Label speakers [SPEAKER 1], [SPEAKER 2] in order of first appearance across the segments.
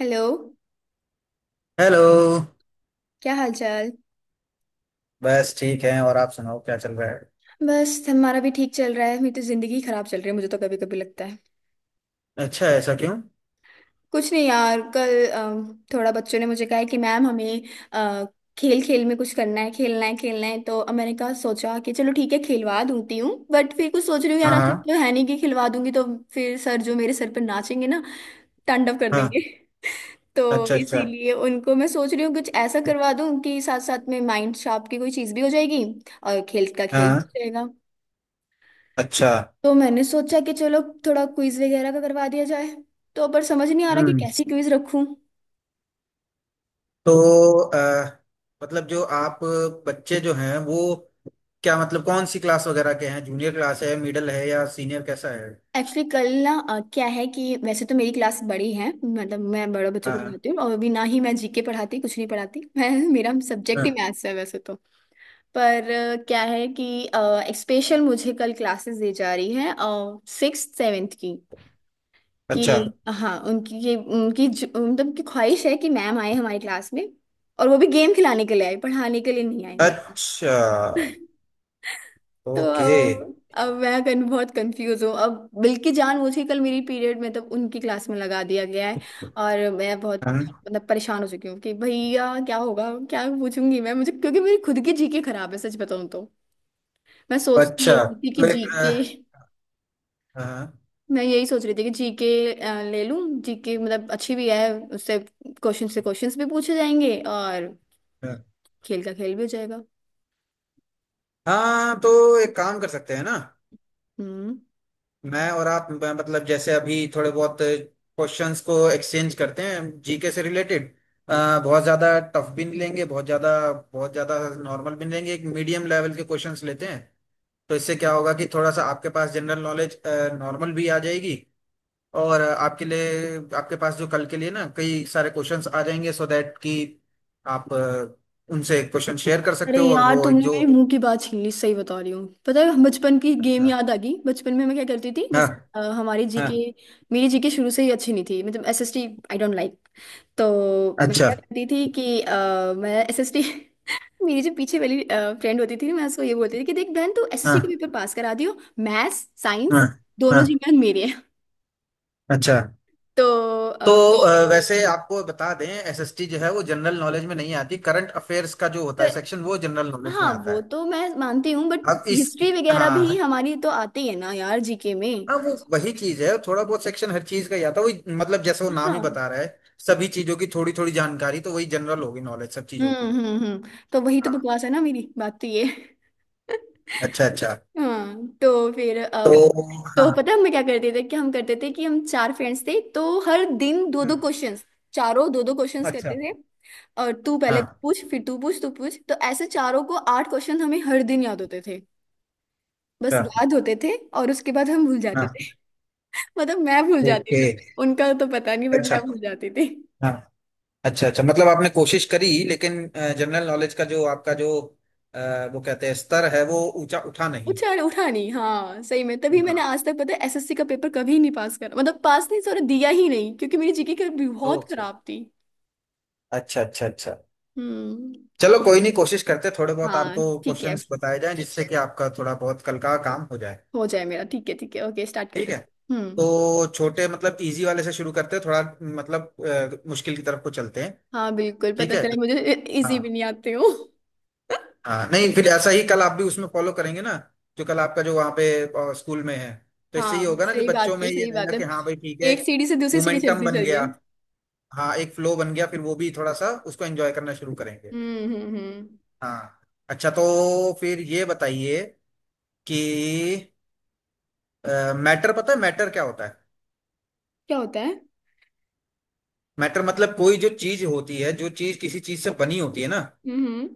[SPEAKER 1] Hello.
[SPEAKER 2] Hello.
[SPEAKER 1] क्या हाल चाल।
[SPEAKER 2] बस ठीक है। और आप सुनाओ, क्या चल रहा है?
[SPEAKER 1] बस हमारा भी ठीक चल रहा है। मेरी तो जिंदगी खराब चल रही है, मुझे तो कभी कभी लगता है
[SPEAKER 2] अच्छा, ऐसा क्यों?
[SPEAKER 1] कुछ नहीं यार। कल थोड़ा बच्चों ने मुझे कहा है कि मैम हमें अ, खेल खेल में कुछ करना है, खेलना है खेलना है। तो अब मैंने कहा, सोचा कि चलो ठीक है खिलवा दूंती हूँ, बट फिर कुछ सोच रही हूँ यार,
[SPEAKER 2] हाँ
[SPEAKER 1] ऐसा
[SPEAKER 2] हाँ।
[SPEAKER 1] तो है नहीं कि खिलवा दूंगी तो फिर सर जो मेरे सर पर नाचेंगे ना, तांडव कर
[SPEAKER 2] हाँ,
[SPEAKER 1] देंगे। तो
[SPEAKER 2] अच्छा अच्छा।
[SPEAKER 1] इसीलिए उनको मैं सोच रही हूँ कुछ ऐसा करवा दूं कि साथ साथ में माइंड शार्प की कोई चीज़ भी हो जाएगी और खेल का खेल भी
[SPEAKER 2] हाँ,
[SPEAKER 1] हो जाएगा।
[SPEAKER 2] अच्छा।
[SPEAKER 1] तो मैंने सोचा कि चलो थोड़ा क्विज वगैरह का करवा दिया जाए, तो पर समझ नहीं आ रहा कि
[SPEAKER 2] हम्म।
[SPEAKER 1] कैसी क्विज रखूं।
[SPEAKER 2] तो अ, मतलब जो आप बच्चे जो हैं वो, क्या मतलब कौन सी क्लास वगैरह के हैं? जूनियर क्लास है, मिडिल है, या सीनियर, कैसा है?
[SPEAKER 1] एक्चुअली कल ना क्या है कि वैसे तो मेरी क्लास बड़ी है, मतलब मैं बड़े बच्चों को
[SPEAKER 2] हाँ
[SPEAKER 1] पढ़ाती हूँ और अभी ना ही मैं जीके पढ़ाती, कुछ नहीं पढ़ाती। मैं, मेरा सब्जेक्ट ही
[SPEAKER 2] हाँ,
[SPEAKER 1] मैथ्स है वैसे तो। पर क्या है कि एक स्पेशल मुझे कल क्लासेस दी जा रही है सिक्स सेवेंथ की।
[SPEAKER 2] अच्छा
[SPEAKER 1] कि हाँ, उनकी ये उनकी मतलब की ख्वाहिश है कि मैम आए हमारी क्लास में और वो भी गेम खिलाने के लिए, आई पढ़ाने के लिए नहीं, आई बताओ।
[SPEAKER 2] अच्छा।
[SPEAKER 1] तो
[SPEAKER 2] ओके।
[SPEAKER 1] अब मैं बहुत कंफ्यूज हूँ। अब बिल्कि जानबूझ के कल मेरी पीरियड में तब उनकी क्लास में लगा दिया गया है। और मैं बहुत
[SPEAKER 2] हाँ,
[SPEAKER 1] मतलब परेशान हो चुकी हूँ कि भैया क्या होगा, क्या पूछूंगी मैं, मुझे, क्योंकि मेरी खुद की जीके खराब है, सच बताऊँ तो। मैं सोचती
[SPEAKER 2] अच्छा
[SPEAKER 1] यही थी कि
[SPEAKER 2] तो एक
[SPEAKER 1] जीके,
[SPEAKER 2] हाँ
[SPEAKER 1] मैं यही सोच रही थी कि जीके ले लूँ, जीके मतलब अच्छी भी है उससे क्वेश्चन से क्वेश्चंस भी पूछे जाएंगे और
[SPEAKER 2] हाँ
[SPEAKER 1] खेल का खेल भी हो जाएगा।
[SPEAKER 2] हाँ, तो एक काम कर सकते हैं ना।
[SPEAKER 1] हम्म।
[SPEAKER 2] मैं और आप मतलब जैसे अभी थोड़े बहुत क्वेश्चंस को एक्सचेंज करते हैं जीके से रिलेटेड। बहुत ज्यादा टफ भी नहीं लेंगे, बहुत ज्यादा नॉर्मल भी नहीं लेंगे, एक मीडियम लेवल के क्वेश्चंस लेते हैं। तो इससे क्या होगा कि थोड़ा सा आपके पास जनरल नॉलेज नॉर्मल भी आ जाएगी। और आपके लिए आपके पास जो कल के लिए ना, कई सारे क्वेश्चंस आ जाएंगे, सो दैट कि आप उनसे क्वेश्चन शेयर कर
[SPEAKER 1] अरे
[SPEAKER 2] सकते हो और
[SPEAKER 1] यार,
[SPEAKER 2] वो एक
[SPEAKER 1] तुमने
[SPEAKER 2] जो।
[SPEAKER 1] मेरे मुंह की बात छीन ली, सही बता रही हूँ। पता है, बचपन की गेम
[SPEAKER 2] अच्छा।
[SPEAKER 1] याद आ गई। बचपन में मैं क्या करती थी,
[SPEAKER 2] हाँ
[SPEAKER 1] जैसे अ, हमारी
[SPEAKER 2] हाँ।
[SPEAKER 1] जीके मेरी जीके शुरू से ही अच्छी नहीं थी, मतलब एसएसटी आई डोंट लाइक। तो मैं
[SPEAKER 2] अच्छा।
[SPEAKER 1] क्या करती थी कि मैं एसएसटी मेरी जो पीछे वाली फ्रेंड होती थी, मैं उसको ये बोलती थी कि देख बहन, तू एसएसटी के
[SPEAKER 2] हाँ
[SPEAKER 1] पेपर पास करा दियो, मैथ्स
[SPEAKER 2] हाँ
[SPEAKER 1] साइंस दोनों
[SPEAKER 2] हाँ।
[SPEAKER 1] जी में मेरे हैं।
[SPEAKER 2] अच्छा
[SPEAKER 1] तो
[SPEAKER 2] तो
[SPEAKER 1] अ,
[SPEAKER 2] वैसे आपको बता दें, एसएसटी जो है वो जनरल नॉलेज में नहीं आती। करंट अफेयर्स का जो होता है
[SPEAKER 1] क-
[SPEAKER 2] सेक्शन, वो जनरल नॉलेज में
[SPEAKER 1] हाँ
[SPEAKER 2] आता
[SPEAKER 1] वो
[SPEAKER 2] है।
[SPEAKER 1] तो मैं मानती हूँ, बट
[SPEAKER 2] अब इस
[SPEAKER 1] हिस्ट्री वगैरह भी
[SPEAKER 2] हाँ
[SPEAKER 1] हमारी तो आती है ना यार, जीके में।
[SPEAKER 2] हाँ, वो वही चीज है, थोड़ा बहुत सेक्शन हर चीज का ही आता है। वही मतलब जैसे वो नाम ही
[SPEAKER 1] हाँ।
[SPEAKER 2] बता रहा है, सभी चीजों की थोड़ी थोड़ी जानकारी, तो वही जनरल होगी नॉलेज, सब चीजों की।
[SPEAKER 1] तो वही तो
[SPEAKER 2] हाँ,
[SPEAKER 1] बकवास है ना, मेरी बात तो ये है।
[SPEAKER 2] अच्छा अच्छा।
[SPEAKER 1] हाँ तो फिर
[SPEAKER 2] तो
[SPEAKER 1] अब,
[SPEAKER 2] हाँ।
[SPEAKER 1] तो पता है हम क्या करते थे कि हम चार फ्रेंड्स थे, तो हर दिन दो दो
[SPEAKER 2] हम्म,
[SPEAKER 1] क्वेश्चंस, चारों दो दो क्वेश्चंस करते
[SPEAKER 2] अच्छा।
[SPEAKER 1] थे। और तू पहले, तू
[SPEAKER 2] हाँ,
[SPEAKER 1] पूछ, फिर तू पूछ, तू पूछ, तो ऐसे चारों को आठ क्वेश्चन हमें हर दिन याद होते थे। बस
[SPEAKER 2] अच्छा।
[SPEAKER 1] याद होते थे और उसके बाद हम भूल जाते
[SPEAKER 2] हाँ,
[SPEAKER 1] थे। मतलब मैं भूल जाती
[SPEAKER 2] ओके।
[SPEAKER 1] थी, उनका तो पता नहीं, बट
[SPEAKER 2] अच्छा।
[SPEAKER 1] मैं भूल जाती थी।
[SPEAKER 2] हाँ। अच्छा अच्छा, मतलब आपने कोशिश करी, लेकिन जनरल नॉलेज का जो आपका जो अ, वो कहते हैं स्तर है, वो ऊंचा उठा नहीं।
[SPEAKER 1] उठा, उठा नहीं। हाँ सही में, तभी मैंने
[SPEAKER 2] हाँ,
[SPEAKER 1] आज तक, पता है, एसएससी का पेपर कभी नहीं पास करा, मतलब पास नहीं, सॉरी, दिया ही नहीं, क्योंकि मेरी जीके की बहुत
[SPEAKER 2] ओके।
[SPEAKER 1] खराब थी।
[SPEAKER 2] अच्छा अच्छा अच्छा।
[SPEAKER 1] हम्म।
[SPEAKER 2] चलो, कोई नहीं, कोशिश करते, थोड़े बहुत
[SPEAKER 1] हाँ
[SPEAKER 2] आपको
[SPEAKER 1] ठीक है,
[SPEAKER 2] क्वेश्चंस बताए जाएं जिससे कि आपका थोड़ा बहुत कल का काम हो जाए।
[SPEAKER 1] हो जाए मेरा। ठीक है, ठीक है, ओके, स्टार्ट
[SPEAKER 2] ठीक
[SPEAKER 1] करते
[SPEAKER 2] है।
[SPEAKER 1] चल। हम्म।
[SPEAKER 2] तो छोटे मतलब इजी वाले से शुरू करते हैं, थोड़ा मतलब मुश्किल की तरफ को चलते हैं।
[SPEAKER 1] हाँ बिल्कुल,
[SPEAKER 2] ठीक
[SPEAKER 1] पता
[SPEAKER 2] है।
[SPEAKER 1] चले मुझे
[SPEAKER 2] हाँ
[SPEAKER 1] इजी भी नहीं आते हो।
[SPEAKER 2] हाँ, नहीं फिर ऐसा ही कल आप भी उसमें फॉलो करेंगे ना, जो कल आपका जो वहाँ पे स्कूल में है। तो इससे ये
[SPEAKER 1] हाँ
[SPEAKER 2] होगा ना कि
[SPEAKER 1] सही
[SPEAKER 2] बच्चों
[SPEAKER 1] बात है,
[SPEAKER 2] में ये
[SPEAKER 1] सही बात
[SPEAKER 2] रहेगा
[SPEAKER 1] है,
[SPEAKER 2] कि हाँ भाई ठीक है,
[SPEAKER 1] एक
[SPEAKER 2] एक
[SPEAKER 1] सीढ़ी से दूसरी सीढ़ी
[SPEAKER 2] मोमेंटम
[SPEAKER 1] चलती
[SPEAKER 2] बन
[SPEAKER 1] चलिए।
[SPEAKER 2] गया। हाँ, एक फ्लो बन गया, फिर वो भी थोड़ा सा उसको एंजॉय करना शुरू करेंगे।
[SPEAKER 1] हम्म हम्म हम्म
[SPEAKER 2] हाँ, अच्छा तो फिर ये बताइए कि मैटर, पता है मैटर क्या होता है?
[SPEAKER 1] क्या होता है?
[SPEAKER 2] मैटर मतलब कोई जो चीज होती है, जो चीज किसी चीज से बनी होती है ना,
[SPEAKER 1] हम्म। हम्म।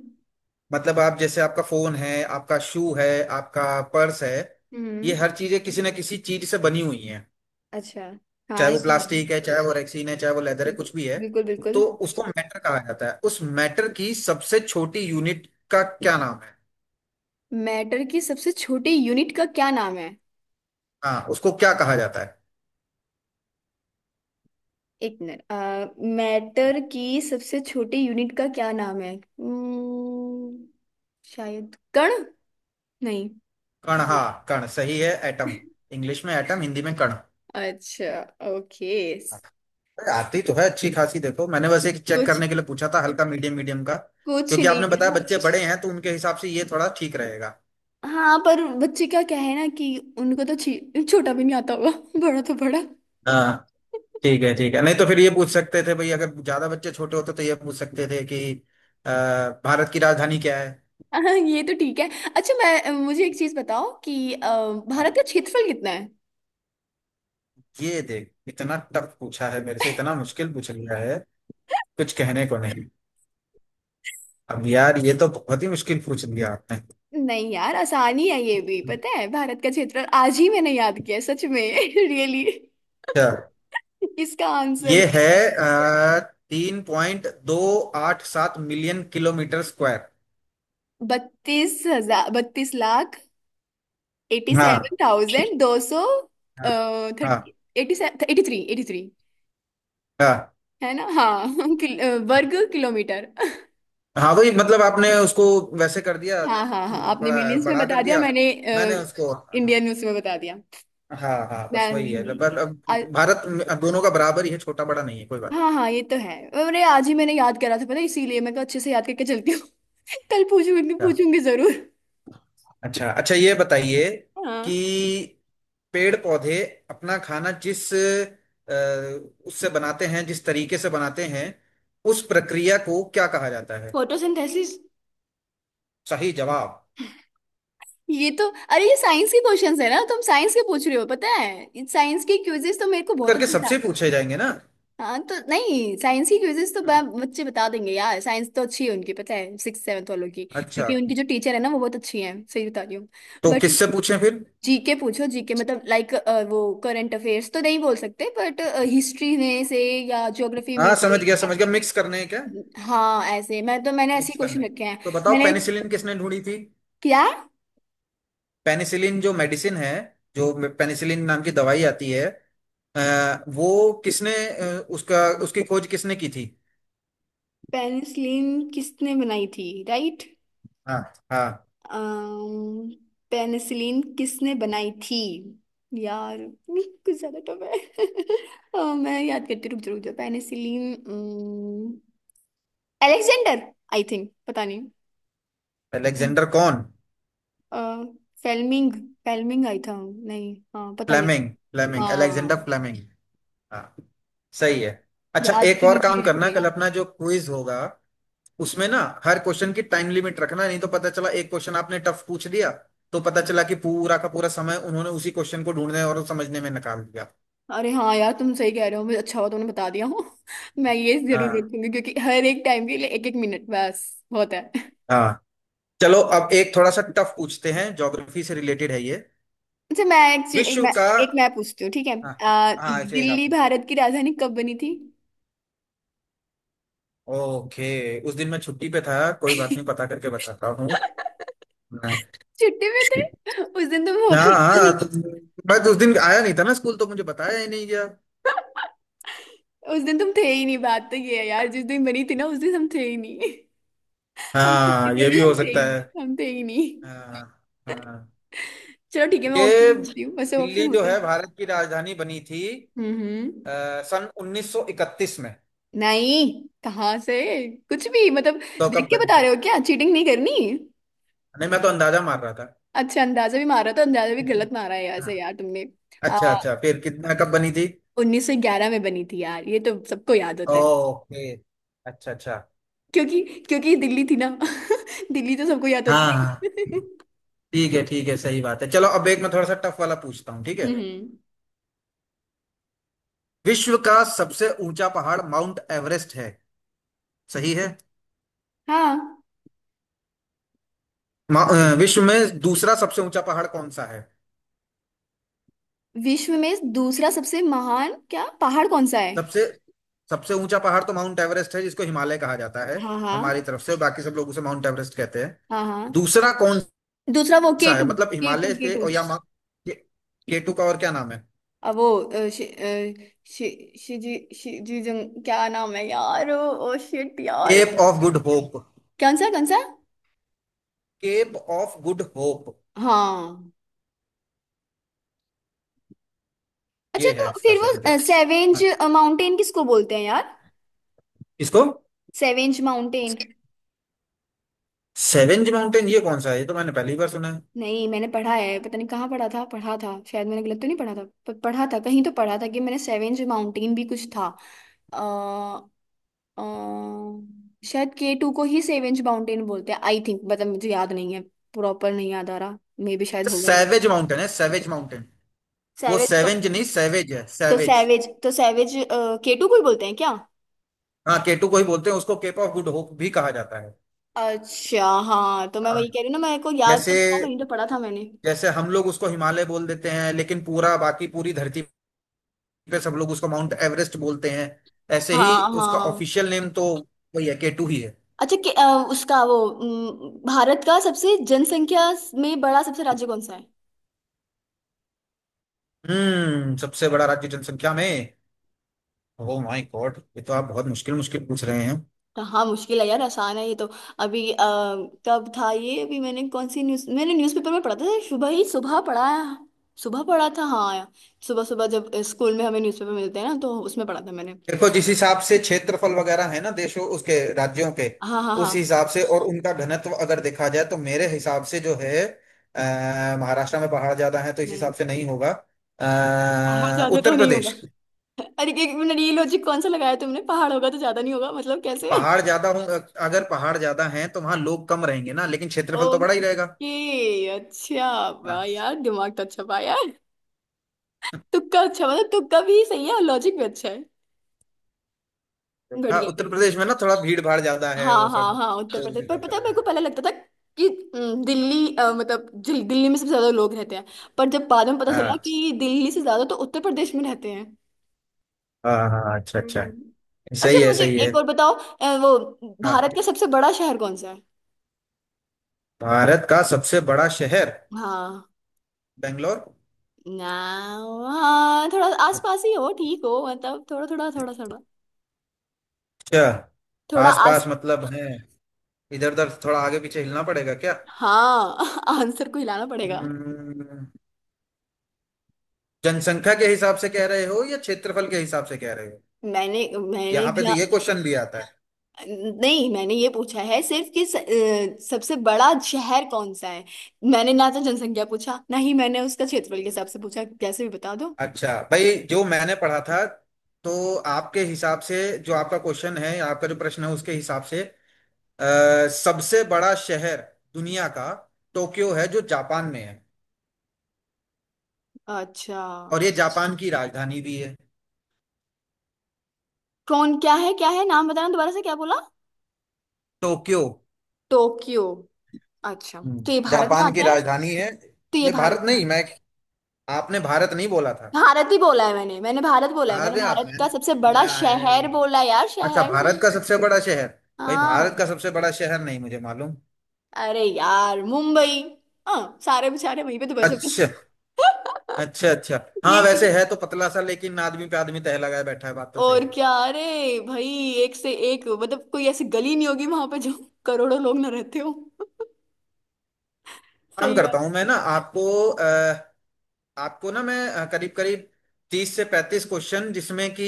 [SPEAKER 2] मतलब आप जैसे, आपका फोन है, आपका शू है, आपका पर्स है, ये
[SPEAKER 1] हम्म,
[SPEAKER 2] हर चीजें किसी ना किसी चीज से बनी हुई हैं,
[SPEAKER 1] अच्छा। हाँ,
[SPEAKER 2] चाहे
[SPEAKER 1] ये
[SPEAKER 2] वो
[SPEAKER 1] तो है।
[SPEAKER 2] प्लास्टिक है, चाहे वो रेक्सीन है, चाहे वो लेदर है,
[SPEAKER 1] बिल-
[SPEAKER 2] कुछ भी है।
[SPEAKER 1] बिल्कुल, बिल्कुल।
[SPEAKER 2] तो उसको मैटर कहा जाता है। उस मैटर की सबसे छोटी यूनिट का क्या नाम है?
[SPEAKER 1] मैटर की सबसे छोटी यूनिट का क्या नाम है?
[SPEAKER 2] हाँ, उसको क्या कहा जाता है?
[SPEAKER 1] एक मिनट, मैटर की सबसे छोटी यूनिट का क्या नाम है? शायद कण। नहीं?
[SPEAKER 2] कण, हाँ कण सही है, एटम। इंग्लिश में एटम, हिंदी में कण।
[SPEAKER 1] अच्छा, ओके।
[SPEAKER 2] अरे, आती तो है अच्छी खासी। देखो, मैंने बस एक चेक
[SPEAKER 1] कुछ,
[SPEAKER 2] करने के लिए पूछा था, हल्का मीडियम, मीडियम का,
[SPEAKER 1] कुछ
[SPEAKER 2] क्योंकि आपने
[SPEAKER 1] नहीं।
[SPEAKER 2] बताया बच्चे बड़े हैं, तो उनके हिसाब से ये थोड़ा ठीक रहेगा।
[SPEAKER 1] हाँ पर बच्चे क्या, क्या है ना कि उनको तो छोटा भी नहीं आता होगा। बड़ा तो बड़ा।
[SPEAKER 2] हाँ, ठीक है ठीक है, नहीं तो फिर ये पूछ सकते थे भाई, अगर ज्यादा बच्चे छोटे होते तो ये पूछ सकते थे कि अ, भारत की राजधानी क्या
[SPEAKER 1] हाँ, ये तो ठीक है। अच्छा मैं, मुझे एक चीज बताओ कि
[SPEAKER 2] है?
[SPEAKER 1] भारत का क्षेत्रफल कितना है?
[SPEAKER 2] ये देख, इतना टफ पूछा है मेरे से, इतना मुश्किल पूछ लिया है, कुछ कहने को नहीं। अब यार, ये तो बहुत ही मुश्किल पूछ लिया आपने।
[SPEAKER 1] नहीं यार, आसानी है, ये भी पता है। भारत का क्षेत्रफल आज ही मैंने याद किया है, सच में। रियली?
[SPEAKER 2] अच्छा,
[SPEAKER 1] इसका आंसर
[SPEAKER 2] ये है 3.287 मिलियन किलोमीटर स्क्वायर।
[SPEAKER 1] बत्तीस हजार, बत्तीस लाख एटी
[SPEAKER 2] हाँ हाँ।
[SPEAKER 1] सेवन थाउजेंड दो सौ थर्टी
[SPEAKER 2] हाँ
[SPEAKER 1] eighty, eighty three, eighty three
[SPEAKER 2] हाँ
[SPEAKER 1] है ना? हाँ। वर्ग किलोमीटर।
[SPEAKER 2] हाँ, वही, मतलब आपने उसको वैसे कर दिया,
[SPEAKER 1] हाँ हाँ हाँ, आपने
[SPEAKER 2] थोड़ा
[SPEAKER 1] मिलियंस में
[SPEAKER 2] बड़ा
[SPEAKER 1] बता
[SPEAKER 2] कर
[SPEAKER 1] दिया,
[SPEAKER 2] दिया।
[SPEAKER 1] मैंने
[SPEAKER 2] मैंने उसको, हाँ
[SPEAKER 1] इंडियन उसमें बता दिया।
[SPEAKER 2] हाँ हाँ, बस वही है।
[SPEAKER 1] मैं
[SPEAKER 2] पर अब
[SPEAKER 1] आ,
[SPEAKER 2] अब दोनों का बराबर ही है, छोटा बड़ा नहीं है, कोई बात।
[SPEAKER 1] हाँ हाँ, ये तो है। अरे आज ही मैंने याद करा था, पता है, इसीलिए मैं कहा अच्छे से याद करके चलती हूँ। कल पूछूंगी, पूछूंगी जरूर।
[SPEAKER 2] अच्छा अच्छा, ये बताइए
[SPEAKER 1] हाँ।
[SPEAKER 2] कि पेड़ पौधे अपना खाना जिस उससे बनाते हैं, जिस तरीके से बनाते हैं, उस प्रक्रिया को क्या कहा जाता है?
[SPEAKER 1] फोटोसिंथेसिस।
[SPEAKER 2] सही जवाब।
[SPEAKER 1] ये तो, अरे ये साइंस के क्वेश्चंस है ना, तुम साइंस के पूछ रहे हो, पता है साइंस के क्विजेस तो मेरे को बहुत
[SPEAKER 2] करके
[SPEAKER 1] अच्छे से
[SPEAKER 2] सबसे
[SPEAKER 1] आते हैं।
[SPEAKER 2] पूछे जाएंगे ना।
[SPEAKER 1] हाँ तो नहीं, साइंस की क्विजेस तो
[SPEAKER 2] हाँ।
[SPEAKER 1] बच्चे बता देंगे यार, साइंस तो अच्छी है उनकी, पता है, सिक्स सेवन्थ वालों की,
[SPEAKER 2] अच्छा,
[SPEAKER 1] क्योंकि उनकी जो टीचर है ना, वो बहुत अच्छी है, सही बता रही हूँ।
[SPEAKER 2] तो
[SPEAKER 1] बट
[SPEAKER 2] किससे पूछें फिर?
[SPEAKER 1] जीके पूछो, जीके मतलब, लाइक, वो करंट अफेयर्स तो नहीं बोल सकते, बट हिस्ट्री में से या ज्योग्राफी में
[SPEAKER 2] हाँ
[SPEAKER 1] से।
[SPEAKER 2] समझ गया, समझ गया, मिक्स करने हैं क्या?
[SPEAKER 1] हाँ ऐसे, मैं तो मैंने ऐसे
[SPEAKER 2] मिक्स करने
[SPEAKER 1] क्वेश्चन
[SPEAKER 2] हैं।
[SPEAKER 1] रखे हैं।
[SPEAKER 2] तो बताओ,
[SPEAKER 1] मैंने?
[SPEAKER 2] पेनिसिलिन किसने ढूंढी थी?
[SPEAKER 1] क्या?
[SPEAKER 2] पेनिसिलिन जो मेडिसिन है, जो पेनिसिलिन नाम की दवाई आती है, वो किसने उसका, उसकी खोज किसने की थी?
[SPEAKER 1] पेनिसिलिन किसने बनाई थी? राइट।
[SPEAKER 2] हाँ हाँ।
[SPEAKER 1] अम्म पेनिसिलिन किसने बनाई थी? यार कुछ ज्यादा टफ है। मैं याद करती हूँ, रुक जा रुक जा, पेनिसिलिन, अलेक्जेंडर, आई थिंक, पता नहीं। नहीं।
[SPEAKER 2] अलेक्जेंडर कौन?
[SPEAKER 1] अ, फेल्मिंग, फेल्मिंग आई था, नहीं, हाँ पता नहीं।
[SPEAKER 2] फ्लेमिंग, फ्लेमिंग, अलेक्जेंडर
[SPEAKER 1] हाँ।
[SPEAKER 2] फ्लेमिंग। हाँ, सही है। अच्छा,
[SPEAKER 1] याद
[SPEAKER 2] एक
[SPEAKER 1] भी
[SPEAKER 2] और
[SPEAKER 1] नहीं
[SPEAKER 2] काम करना,
[SPEAKER 1] रहती।
[SPEAKER 2] कल अपना जो क्विज होगा उसमें ना हर क्वेश्चन की टाइम लिमिट रखना, नहीं तो पता चला, एक क्वेश्चन आपने टफ पूछ दिया, तो पता चला कि पूरा का पूरा समय उन्होंने उसी क्वेश्चन को ढूंढने और समझने में निकाल दिया।
[SPEAKER 1] अरे हाँ यार, तुम सही कह रहे हो, मुझे अच्छा हुआ तुमने बता दिया हो। मैं ये जरूर
[SPEAKER 2] हाँ
[SPEAKER 1] रखूंगी, क्योंकि हर एक टाइम के लिए एक एक मिनट बस होता है।
[SPEAKER 2] हाँ। चलो अब एक थोड़ा सा टफ पूछते हैं, ज्योग्राफी से रिलेटेड है ये।
[SPEAKER 1] अच्छा मैं
[SPEAKER 2] विश्व का।
[SPEAKER 1] एक मैं पूछती हूँ, ठीक है?
[SPEAKER 2] हाँ हाँ, ऐसे एक आप
[SPEAKER 1] दिल्ली
[SPEAKER 2] पूछो।
[SPEAKER 1] भारत की राजधानी कब बनी थी?
[SPEAKER 2] ओके। उस दिन मैं छुट्टी पे था, कोई बात नहीं, पता करके बताता हूँ।
[SPEAKER 1] छुट्टी में थे उस दिन तुम, होते
[SPEAKER 2] हाँ
[SPEAKER 1] ही
[SPEAKER 2] हाँ,
[SPEAKER 1] नहीं।
[SPEAKER 2] तो बस उस दिन आया नहीं था ना स्कूल, तो मुझे बताया ही नहीं गया।
[SPEAKER 1] उस दिन तुम थे ही नहीं, बात तो ये है यार, जिस दिन बनी थी ना उस दिन हम थे ही नहीं। हम छुट्टी
[SPEAKER 2] हाँ,
[SPEAKER 1] पे
[SPEAKER 2] ये भी
[SPEAKER 1] नहीं, हम
[SPEAKER 2] हो
[SPEAKER 1] थे ही
[SPEAKER 2] सकता है।
[SPEAKER 1] नहीं, हम थे ही नहीं।
[SPEAKER 2] हाँ हाँ।
[SPEAKER 1] चलो ठीक है, मैं ऑप्शन
[SPEAKER 2] ये
[SPEAKER 1] देती हूँ वैसे, ऑप्शन
[SPEAKER 2] दिल्ली जो
[SPEAKER 1] होते
[SPEAKER 2] है,
[SPEAKER 1] हैं।
[SPEAKER 2] भारत की राजधानी बनी थी
[SPEAKER 1] हम्म,
[SPEAKER 2] सन 1931 में।
[SPEAKER 1] नहीं, कहाँ से, कुछ भी मतलब।
[SPEAKER 2] तो
[SPEAKER 1] देख
[SPEAKER 2] कब
[SPEAKER 1] के
[SPEAKER 2] बनी
[SPEAKER 1] बता
[SPEAKER 2] थी?
[SPEAKER 1] रहे हो क्या? चीटिंग नहीं करनी।
[SPEAKER 2] नहीं, मैं तो अंदाजा मार रहा था।
[SPEAKER 1] अच्छा, अंदाजा भी मारा तो अंदाजा भी गलत मारा है ऐसे
[SPEAKER 2] हाँ,
[SPEAKER 1] यार तुमने।
[SPEAKER 2] अच्छा अच्छा, फिर कितना, कब बनी थी?
[SPEAKER 1] 1911 में बनी थी यार, ये तो सबको याद होता है,
[SPEAKER 2] ओके। अच्छा अच्छा।
[SPEAKER 1] क्योंकि, क्योंकि ये दिल्ली थी ना। दिल्ली तो सबको याद
[SPEAKER 2] हाँ हाँ,
[SPEAKER 1] होती।
[SPEAKER 2] ठीक है ठीक है, सही बात है। चलो अब एक मैं थोड़ा सा टफ वाला पूछता हूँ, ठीक है।
[SPEAKER 1] हम्म।
[SPEAKER 2] विश्व का सबसे ऊंचा पहाड़ माउंट एवरेस्ट है, सही है।
[SPEAKER 1] हाँ।
[SPEAKER 2] विश्व में दूसरा सबसे ऊंचा पहाड़ कौन सा है?
[SPEAKER 1] विश्व में दूसरा सबसे महान, क्या, पहाड़ कौन सा है?
[SPEAKER 2] सबसे सबसे ऊंचा पहाड़ तो माउंट एवरेस्ट है, जिसको हिमालय कहा जाता है
[SPEAKER 1] हाँ
[SPEAKER 2] हमारी
[SPEAKER 1] हाँ
[SPEAKER 2] तरफ से, बाकी सब लोग उसे माउंट एवरेस्ट कहते हैं।
[SPEAKER 1] हाँ। हाँ।
[SPEAKER 2] दूसरा कौन
[SPEAKER 1] दूसरा वो के
[SPEAKER 2] सा है,
[SPEAKER 1] टू,
[SPEAKER 2] मतलब
[SPEAKER 1] के टू,
[SPEAKER 2] हिमालय
[SPEAKER 1] के
[SPEAKER 2] के,
[SPEAKER 1] टू।
[SPEAKER 2] और या मा के, केटू का और क्या नाम है?
[SPEAKER 1] अब वो शिजी शिजी जंग, क्या नाम है यार, ओ शिट यार।
[SPEAKER 2] Cape of good hope.
[SPEAKER 1] कौन सा, कौन सा?
[SPEAKER 2] केप ऑफ गुड होप,
[SPEAKER 1] हाँ। अच्छा,
[SPEAKER 2] ये
[SPEAKER 1] तो
[SPEAKER 2] है इसका
[SPEAKER 1] फिर
[SPEAKER 2] सही
[SPEAKER 1] वो
[SPEAKER 2] जवाब।
[SPEAKER 1] सेवेंज
[SPEAKER 2] हाँ,
[SPEAKER 1] माउंटेन किसको बोलते हैं यार?
[SPEAKER 2] इसको
[SPEAKER 1] सेवेंज माउंटेन।
[SPEAKER 2] सेवेंज माउंटेन, ये कौन सा है, ये तो मैंने पहली बार सुना है।
[SPEAKER 1] नहीं मैंने पढ़ा है, पता नहीं कहाँ पढ़ा था, पढ़ा था, शायद मैंने गलत तो नहीं पढ़ा था, पढ़ा था, कहीं तो पढ़ा था कि, मैंने सेवेंज माउंटेन भी कुछ था। आ, शायद के टू को ही सेवेंज माउंटेन बोलते हैं, आई थिंक, मतलब मुझे याद नहीं है, प्रॉपर नहीं याद आ रहा, मे भी शायद होगा।
[SPEAKER 2] सेवेज माउंटेन है, सेवेज माउंटेन, वो
[SPEAKER 1] सैवेज तो
[SPEAKER 2] सेवेंज नहीं, सेवेज है
[SPEAKER 1] तो
[SPEAKER 2] सेवेज।
[SPEAKER 1] सैवेज, तो सैवेज के टू को ही बोलते हैं क्या?
[SPEAKER 2] हाँ, केटू को ही बोलते हैं, उसको केप ऑफ गुड होप भी कहा जाता है।
[SPEAKER 1] अच्छा। हाँ तो मैं
[SPEAKER 2] हाँ,
[SPEAKER 1] वही कह रही हूँ ना, मेरे को याद
[SPEAKER 2] जैसे,
[SPEAKER 1] तो था, कहीं तो पढ़ा था मैंने।
[SPEAKER 2] जैसे हम लोग उसको हिमालय बोल देते हैं, लेकिन पूरा, बाकी पूरी धरती पे सब लोग उसको माउंट एवरेस्ट बोलते हैं, ऐसे
[SPEAKER 1] हाँ
[SPEAKER 2] ही उसका
[SPEAKER 1] हाँ।
[SPEAKER 2] ऑफिशियल नेम तो वही है, केटू ही है।
[SPEAKER 1] अच्छा कि, भारत का सबसे जनसंख्या में बड़ा सबसे राज्य कौन सा है?
[SPEAKER 2] सबसे बड़ा राज्य जनसंख्या में? ओ माय गॉड, ये तो आप बहुत मुश्किल मुश्किल पूछ रहे हैं।
[SPEAKER 1] तो हाँ, मुश्किल है यार, आसान है ये तो। अभी कब था ये, अभी मैंने कौन सी न्यूज, मैंने न्यूज़पेपर में पढ़ा था, सुबह ही सुबह पढ़ा है, सुबह पढ़ा था हाँ यार, सुबह सुबह जब स्कूल में हमें न्यूज़पेपर मिलते हैं ना, तो उसमें पढ़ा था मैंने।
[SPEAKER 2] देखो, जिस हिसाब से क्षेत्रफल वगैरह है ना देशों, उसके राज्यों के,
[SPEAKER 1] हाँ हाँ
[SPEAKER 2] उस
[SPEAKER 1] हाँ।
[SPEAKER 2] हिसाब से और उनका घनत्व अगर देखा जाए, तो मेरे हिसाब से जो है महाराष्ट्र में पहाड़ ज्यादा है, तो इस
[SPEAKER 1] नहीं
[SPEAKER 2] हिसाब से नहीं होगा।
[SPEAKER 1] पहाड़ ज्यादा तो
[SPEAKER 2] उत्तर
[SPEAKER 1] नहीं होगा।
[SPEAKER 2] प्रदेश,
[SPEAKER 1] अरे एक मिनट, ये लॉजिक कौन सा लगाया तुमने, पहाड़ होगा तो ज्यादा नहीं होगा, मतलब कैसे?
[SPEAKER 2] पहाड़ ज्यादा हो, अगर पहाड़ ज्यादा हैं तो वहां लोग कम रहेंगे ना, लेकिन क्षेत्रफल तो बड़ा ही रहेगा।
[SPEAKER 1] ओके। अच्छा वाह
[SPEAKER 2] हाँ,
[SPEAKER 1] यार, दिमाग तो अच्छा पाया। तुक्का, अच्छा मतलब तुक्का भी सही है और लॉजिक भी अच्छा है।
[SPEAKER 2] देखा,
[SPEAKER 1] बढ़िया
[SPEAKER 2] उत्तर
[SPEAKER 1] बढ़िया।
[SPEAKER 2] प्रदेश में ना थोड़ा भीड़ भाड़ ज्यादा है
[SPEAKER 1] हाँ
[SPEAKER 2] वो
[SPEAKER 1] हाँ
[SPEAKER 2] सब,
[SPEAKER 1] हाँ, उत्तर
[SPEAKER 2] तो उस
[SPEAKER 1] प्रदेश, पर
[SPEAKER 2] हिसाब से
[SPEAKER 1] पता है मेरे को
[SPEAKER 2] लगाया।
[SPEAKER 1] पहले लगता था कि दिल्ली, मतलब दिल्ली में सबसे ज्यादा लोग रहते हैं, पर जब बाद में पता
[SPEAKER 2] हाँ
[SPEAKER 1] चला कि दिल्ली से ज्यादा तो उत्तर प्रदेश में रहते हैं।
[SPEAKER 2] हाँ हाँ, अच्छा अच्छा।
[SPEAKER 1] हम्म।
[SPEAKER 2] सही
[SPEAKER 1] अच्छा
[SPEAKER 2] है,
[SPEAKER 1] मुझे
[SPEAKER 2] सही है।
[SPEAKER 1] एक और बताओ, वो
[SPEAKER 2] हाँ,
[SPEAKER 1] भारत का सबसे बड़ा शहर कौन सा है?
[SPEAKER 2] भारत का सबसे बड़ा शहर
[SPEAKER 1] हाँ
[SPEAKER 2] बेंगलोर?
[SPEAKER 1] ना, हाँ थोड़ा आसपास ही हो, ठीक हो मतलब, थोड़ा थोड़ा थोड़ा थोड़ा,
[SPEAKER 2] क्या,
[SPEAKER 1] थोड़ा आस
[SPEAKER 2] आसपास मतलब है, इधर उधर थोड़ा आगे पीछे हिलना पड़ेगा क्या?
[SPEAKER 1] हाँ। आंसर को हिलाना पड़ेगा।
[SPEAKER 2] हम्म, जनसंख्या के हिसाब से कह रहे हो या क्षेत्रफल के हिसाब से कह रहे हो?
[SPEAKER 1] मैंने मैंने
[SPEAKER 2] यहाँ पे तो ये क्वेश्चन भी आता है।
[SPEAKER 1] नहीं मैंने ये पूछा है सिर्फ कि सबसे बड़ा शहर कौन सा है। मैंने ना तो जनसंख्या पूछा, ना ही मैंने उसका क्षेत्रफल के हिसाब से पूछा, कैसे भी बता दो।
[SPEAKER 2] अच्छा भाई, जो मैंने पढ़ा था, तो आपके हिसाब से, जो आपका क्वेश्चन है, आपका जो प्रश्न है, उसके हिसाब से सबसे बड़ा शहर दुनिया का टोक्यो है, जो जापान में है,
[SPEAKER 1] अच्छा,
[SPEAKER 2] और ये जापान की राजधानी भी है।
[SPEAKER 1] कौन, क्या है, क्या है नाम, बताना दोबारा से, क्या बोला?
[SPEAKER 2] टोक्यो।
[SPEAKER 1] टोक्यो? अच्छा,
[SPEAKER 2] हम्म
[SPEAKER 1] तो ये भारत में
[SPEAKER 2] जापान की
[SPEAKER 1] आता है?
[SPEAKER 2] राजधानी है।
[SPEAKER 1] तो ये
[SPEAKER 2] ये भारत
[SPEAKER 1] भारत में
[SPEAKER 2] नहीं,
[SPEAKER 1] आता
[SPEAKER 2] मैं, आपने भारत नहीं बोला था।
[SPEAKER 1] है, भारत ही बोला है मैंने, मैंने भारत बोला है, मैंने
[SPEAKER 2] अरे आप,
[SPEAKER 1] भारत का
[SPEAKER 2] मैंने
[SPEAKER 1] सबसे बड़ा शहर बोला
[SPEAKER 2] ना-
[SPEAKER 1] यार,
[SPEAKER 2] अच्छा,
[SPEAKER 1] शहर से।
[SPEAKER 2] भारत का सबसे बड़ा शहर? भाई, भारत का
[SPEAKER 1] हाँ।
[SPEAKER 2] सबसे बड़ा शहर नहीं मुझे मालूम।
[SPEAKER 1] अरे यार, मुंबई। हाँ सारे बेचारे वहीं पे तो बस।
[SPEAKER 2] अच्छा अच्छा अच्छा। हाँ,
[SPEAKER 1] ये,
[SPEAKER 2] वैसे है तो पतला सा, लेकिन आदमी पे आदमी तह लगाए बैठा है, बात तो सही
[SPEAKER 1] और
[SPEAKER 2] है।
[SPEAKER 1] क्या, अरे भाई, एक से एक, मतलब कोई ऐसी गली नहीं होगी वहां पे जो करोड़ों लोग ना रहते हो।
[SPEAKER 2] काम
[SPEAKER 1] सही बात।
[SPEAKER 2] करता हूँ मैं ना आपको, आपको ना मैं करीब करीब 30 से 35 क्वेश्चन, जिसमें कि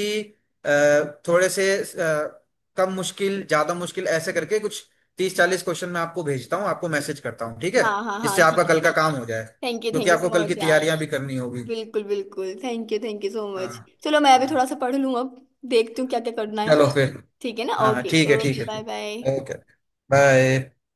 [SPEAKER 2] अ, थोड़े से कम मुश्किल, ज्यादा मुश्किल, ऐसे करके कुछ 30 40 क्वेश्चन मैं आपको भेजता हूँ, आपको मैसेज करता हूँ, ठीक है?
[SPEAKER 1] हाँ हाँ हाँ
[SPEAKER 2] जिससे
[SPEAKER 1] ठीक
[SPEAKER 2] आपका
[SPEAKER 1] है।
[SPEAKER 2] कल का काम हो जाए,
[SPEAKER 1] थैंक यू,
[SPEAKER 2] क्योंकि
[SPEAKER 1] थैंक यू
[SPEAKER 2] आपको
[SPEAKER 1] सो
[SPEAKER 2] कल की
[SPEAKER 1] मच यार,
[SPEAKER 2] तैयारियां भी करनी होगी।
[SPEAKER 1] बिल्कुल बिल्कुल, thank you, thank you so
[SPEAKER 2] हाँ
[SPEAKER 1] मच। चलो मैं अभी
[SPEAKER 2] हाँ।
[SPEAKER 1] थोड़ा सा पढ़ लूँ अब, देखती हूँ क्या क्या करना है।
[SPEAKER 2] चलो फिर।
[SPEAKER 1] ठीक है ना,
[SPEAKER 2] हाँ,
[SPEAKER 1] ओके,
[SPEAKER 2] ठीक है ठीक
[SPEAKER 1] ओके,
[SPEAKER 2] है।
[SPEAKER 1] Bye bye.
[SPEAKER 2] Okay bye.